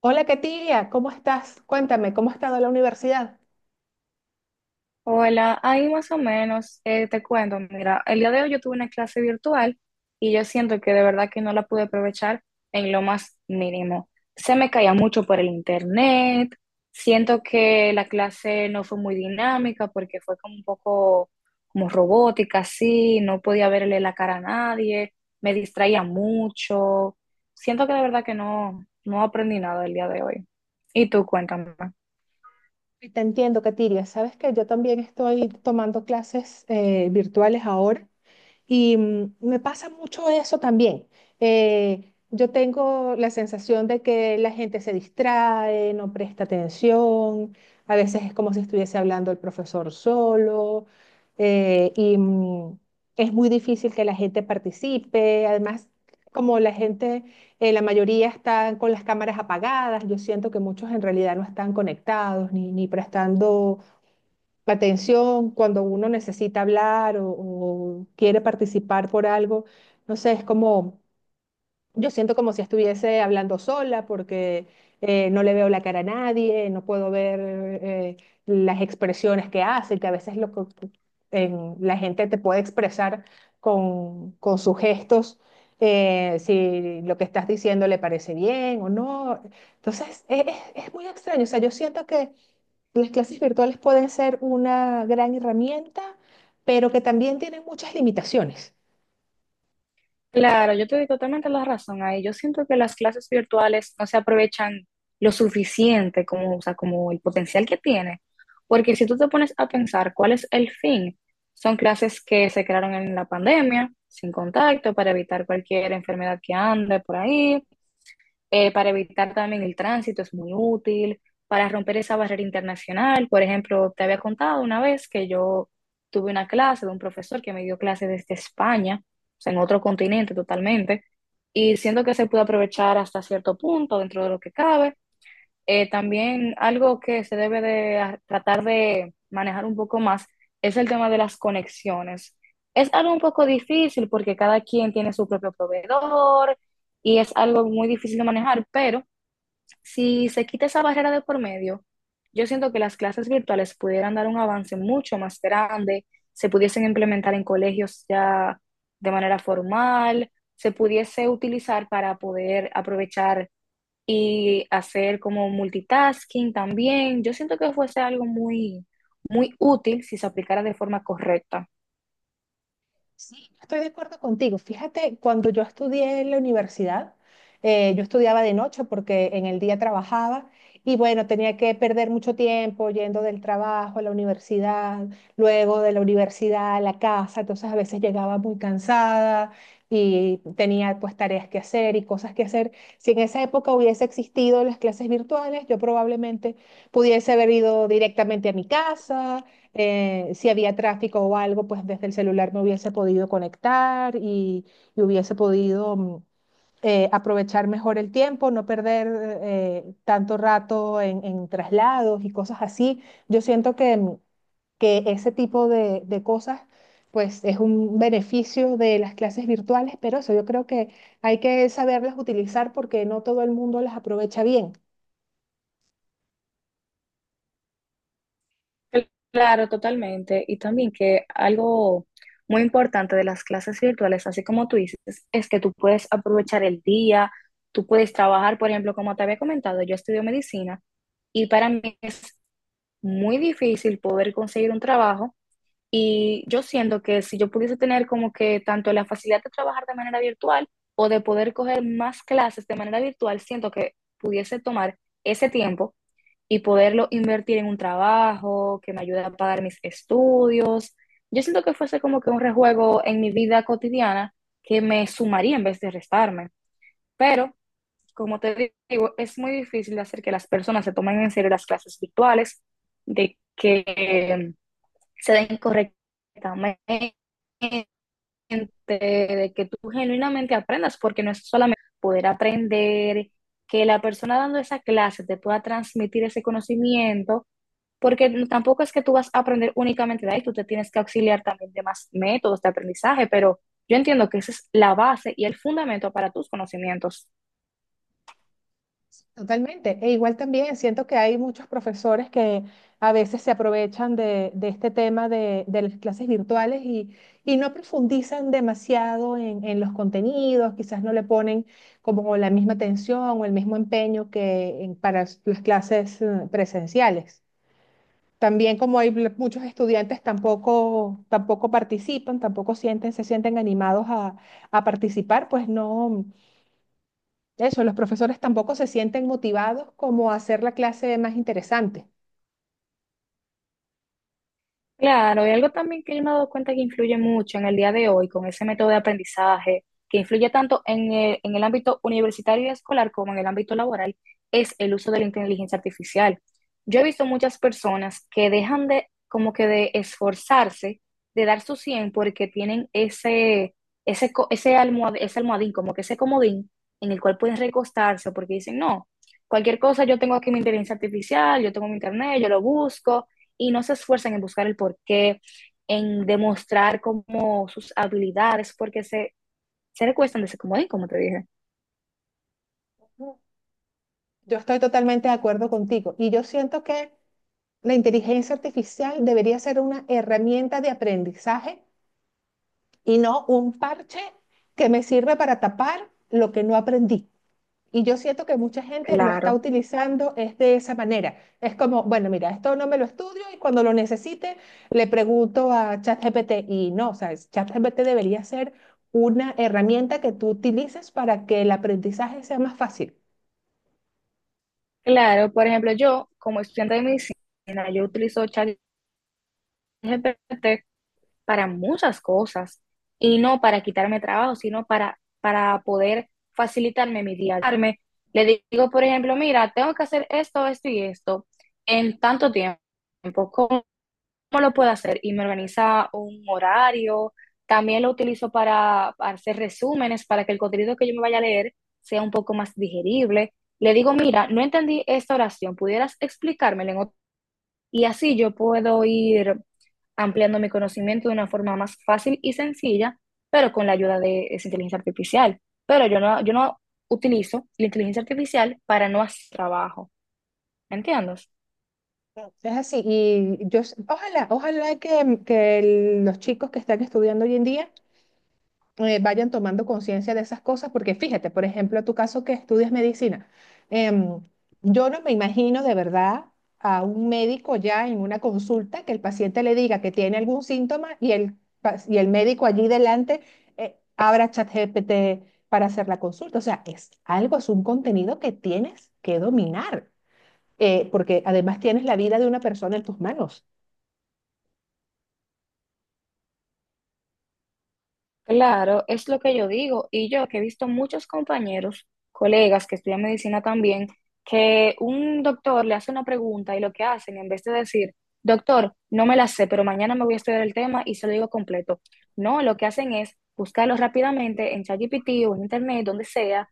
Hola, Katiria, ¿cómo estás? Cuéntame, ¿cómo ha estado la universidad? Hola, ahí más o menos, te cuento, mira, el día de hoy yo tuve una clase virtual y yo siento que de verdad que no la pude aprovechar en lo más mínimo. Se me caía mucho por el internet, siento que la clase no fue muy dinámica porque fue como un poco como robótica, así, no podía verle la cara a nadie, me distraía mucho. Siento que de verdad que no, no aprendí nada el día de hoy. Y tú, cuéntame. Te entiendo, Katiria. Sabes que yo también estoy tomando clases virtuales ahora. Y me pasa mucho eso también. Yo tengo la sensación de que la gente se distrae, no presta atención, a veces es como si estuviese hablando el profesor solo, eh, y mm, es muy difícil que la gente participe. Además, como la gente, la mayoría están con las cámaras apagadas, yo siento que muchos en realidad no están conectados ni prestando la atención cuando uno necesita hablar o quiere participar por algo. No sé, es como, yo siento como si estuviese hablando sola porque no le veo la cara a nadie, no puedo ver las expresiones que hace, que a veces la gente te puede expresar con sus gestos. Si lo que estás diciendo le parece bien o no. Entonces, es muy extraño. O sea, yo siento que las clases virtuales pueden ser una gran herramienta, pero que también tienen muchas limitaciones. Claro, yo te doy totalmente la razón ahí. Yo siento que las clases virtuales no se aprovechan lo suficiente como, o sea, como el potencial que tiene. Porque si tú te pones a pensar cuál es el fin, son clases que se crearon en la pandemia, sin contacto, para evitar cualquier enfermedad que ande por ahí, para evitar también el tránsito es muy útil, para romper esa barrera internacional. Por ejemplo, te había contado una vez que yo tuve una clase de un profesor que me dio clase desde España, o sea, en otro continente totalmente, y siento que se puede aprovechar hasta cierto punto dentro de lo que cabe. También algo que se debe de tratar de manejar un poco más es el tema de las conexiones. Es algo un poco difícil porque cada quien tiene su propio proveedor y es algo muy difícil de manejar, pero si se quita esa barrera de por medio, yo siento que las clases virtuales pudieran dar un avance mucho más grande, se pudiesen implementar en colegios ya de manera formal, se pudiese utilizar para poder aprovechar y hacer como multitasking también. Yo siento que fuese algo muy, muy útil si se aplicara de forma correcta. Sí, yo estoy de acuerdo contigo. Fíjate, cuando yo estudié en la universidad, yo estudiaba de noche porque en el día trabajaba y bueno, tenía que perder mucho tiempo yendo del trabajo a la universidad, luego de la universidad a la casa, entonces a veces llegaba muy cansada y tenía pues tareas que hacer y cosas que hacer. Si en esa época hubiese existido las clases virtuales, yo probablemente pudiese haber ido directamente a mi casa, si había tráfico o algo, pues desde el celular me hubiese podido conectar y hubiese podido aprovechar mejor el tiempo, no perder tanto rato en traslados y cosas así. Yo siento que, que ese tipo de cosas, pues es un beneficio de las clases virtuales, pero eso yo creo que hay que saberlas utilizar porque no todo el mundo las aprovecha bien. Claro, totalmente. Y también que algo muy importante de las clases virtuales, así como tú dices, es que tú puedes aprovechar el día, tú puedes trabajar, por ejemplo, como te había comentado, yo estudio medicina y para mí es muy difícil poder conseguir un trabajo. Y yo siento que si yo pudiese tener como que tanto la facilidad de trabajar de manera virtual o de poder coger más clases de manera virtual, siento que pudiese tomar ese tiempo y poderlo invertir en un trabajo que me ayude a pagar mis estudios. Yo siento que fuese como que un rejuego en mi vida cotidiana que me sumaría en vez de restarme. Pero, como te digo, es muy difícil de hacer que las personas se tomen en serio las clases virtuales, de que se den correctamente, de que tú genuinamente aprendas, porque no es solamente poder aprender, que la persona dando esa clase te pueda transmitir ese conocimiento, porque tampoco es que tú vas a aprender únicamente de ahí, tú te tienes que auxiliar también de más métodos de aprendizaje, pero yo entiendo que esa es la base y el fundamento para tus conocimientos. Totalmente. E igual también siento que hay muchos profesores que a veces se aprovechan de este tema de las clases virtuales y no profundizan demasiado en los contenidos, quizás no le ponen como la misma atención o el mismo empeño que para las clases presenciales. También como muchos estudiantes tampoco participan, tampoco sienten, se sienten animados a participar, pues no. Eso, los profesores tampoco se sienten motivados como a hacer la clase más interesante. Claro, y algo también que yo me he dado cuenta que influye mucho en el día de hoy con ese método de aprendizaje, que influye tanto en el ámbito universitario y escolar como en el ámbito laboral, es el uso de la inteligencia artificial. Yo he visto muchas personas que dejan de, como que de esforzarse, de dar su 100 porque tienen ese almohadín, como que ese comodín en el cual pueden recostarse porque dicen, no, cualquier cosa, yo tengo aquí mi inteligencia artificial, yo tengo mi internet, yo lo busco y no se esfuerzan en buscar el porqué, en demostrar como sus habilidades, porque se recuestan de ese comodín, como te dije. Yo estoy totalmente de acuerdo contigo y yo siento que la inteligencia artificial debería ser una herramienta de aprendizaje y no un parche que me sirve para tapar lo que no aprendí. Y yo siento que mucha gente lo está Claro. utilizando es de esa manera. Es como, bueno, mira, esto no me lo estudio y cuando lo necesite le pregunto a ChatGPT. Y no, o sea, ChatGPT debería ser una herramienta que tú utilices para que el aprendizaje sea más fácil. Claro, por ejemplo, yo como estudiante de medicina, yo utilizo ChatGPT para muchas cosas y no para quitarme trabajo, sino para poder facilitarme mi día. Le digo, por ejemplo, mira, tengo que hacer esto, esto y esto en tanto tiempo. ¿Cómo ¿Cómo lo puedo hacer? Y me organiza un horario. También lo utilizo para hacer resúmenes, para que el contenido que yo me vaya a leer sea un poco más digerible. Le digo, mira, no entendí esta oración, ¿pudieras explicármela en Y así yo puedo ir ampliando mi conocimiento de una forma más fácil y sencilla, pero con la ayuda de esa inteligencia artificial. Pero yo no utilizo la inteligencia artificial para no hacer trabajo. ¿Me entiendes? Es así. Y yo, ojalá, ojalá que, que los chicos que están estudiando hoy en día vayan tomando conciencia de esas cosas, porque fíjate, por ejemplo, tu caso que estudias medicina, em, yo no me imagino de verdad a un médico ya en una consulta que el paciente le diga que tiene algún síntoma y y el médico allí delante abra ChatGPT para hacer la consulta. O sea, es algo, es un contenido que tienes que dominar, porque además tienes la vida de una persona en tus manos. Claro, es lo que yo digo. Y yo que he visto muchos compañeros, colegas que estudian medicina también, que un doctor le hace una pregunta y lo que hacen, en vez de decir, doctor, no me la sé, pero mañana me voy a estudiar el tema y se lo digo completo. No, lo que hacen es buscarlo rápidamente en ChatGPT o en internet, donde sea,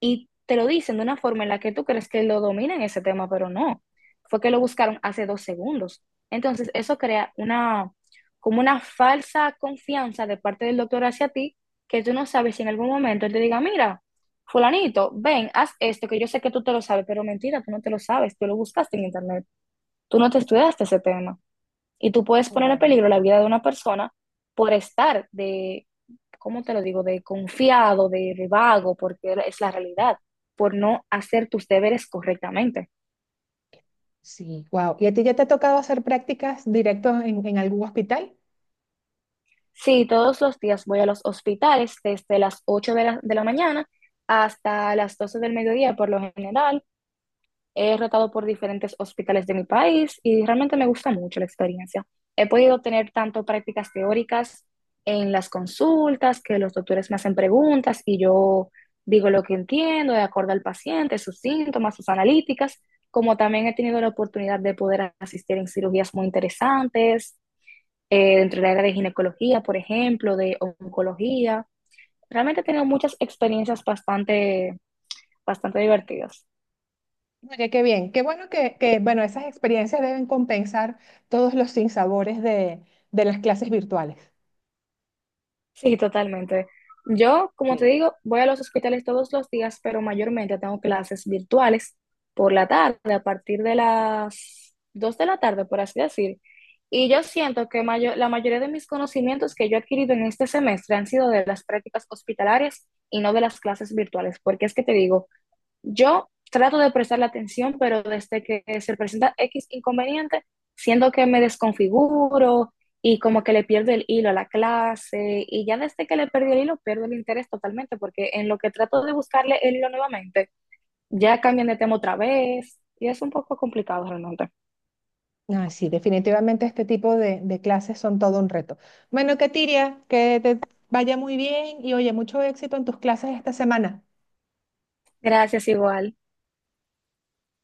y te lo dicen de una forma en la que tú crees que lo dominan ese tema, pero no. Fue que lo buscaron hace 2 segundos. Entonces, eso crea una como una falsa confianza de parte del doctor hacia ti, que tú no sabes si en algún momento él te diga, mira, fulanito, ven, haz esto, que yo sé que tú te lo sabes, pero mentira, tú no te lo sabes, tú lo buscaste en internet, tú no te estudiaste ese tema. Y tú puedes poner en Wow. peligro la vida de una persona por estar de, ¿cómo te lo digo?, de confiado, de vago, porque es la realidad, por no hacer tus deberes correctamente. Sí, wow. ¿Y a ti ya te ha tocado hacer prácticas directas en algún hospital? Sí, todos los días voy a los hospitales desde las 8 de la mañana hasta las 12 del mediodía por lo general. He rotado por diferentes hospitales de mi país y realmente me gusta mucho la experiencia. He podido tener tanto prácticas teóricas en las consultas, que los doctores me hacen preguntas y yo digo lo que entiendo de acuerdo al paciente, sus síntomas, sus analíticas, como también he tenido la oportunidad de poder asistir en cirugías muy interesantes dentro del área de ginecología, por ejemplo, de oncología. Realmente he tenido muchas experiencias bastante, bastante divertidas. Oye, qué bien, qué bueno que, bueno, esas experiencias deben compensar todos los sinsabores de las clases virtuales. Sí, totalmente. Yo, como Sí. te digo, voy a los hospitales todos los días, pero mayormente tengo clases virtuales por la tarde, a partir de las 2 de la tarde, por así decir. Y yo siento que la mayoría de mis conocimientos que yo he adquirido en este semestre han sido de las prácticas hospitalarias y no de las clases virtuales, porque es que te digo, yo trato de prestarle atención, pero desde que se presenta X inconveniente, siento que me desconfiguro y como que le pierdo el hilo a la clase y ya desde que le perdí el hilo, pierdo el interés totalmente porque en lo que trato de buscarle el hilo nuevamente, ya cambian de tema otra vez y es un poco complicado realmente. Ay, sí, definitivamente este tipo de clases son todo un reto. Bueno, Katiria, que te vaya muy bien y oye, mucho éxito en tus clases esta semana. Gracias igual.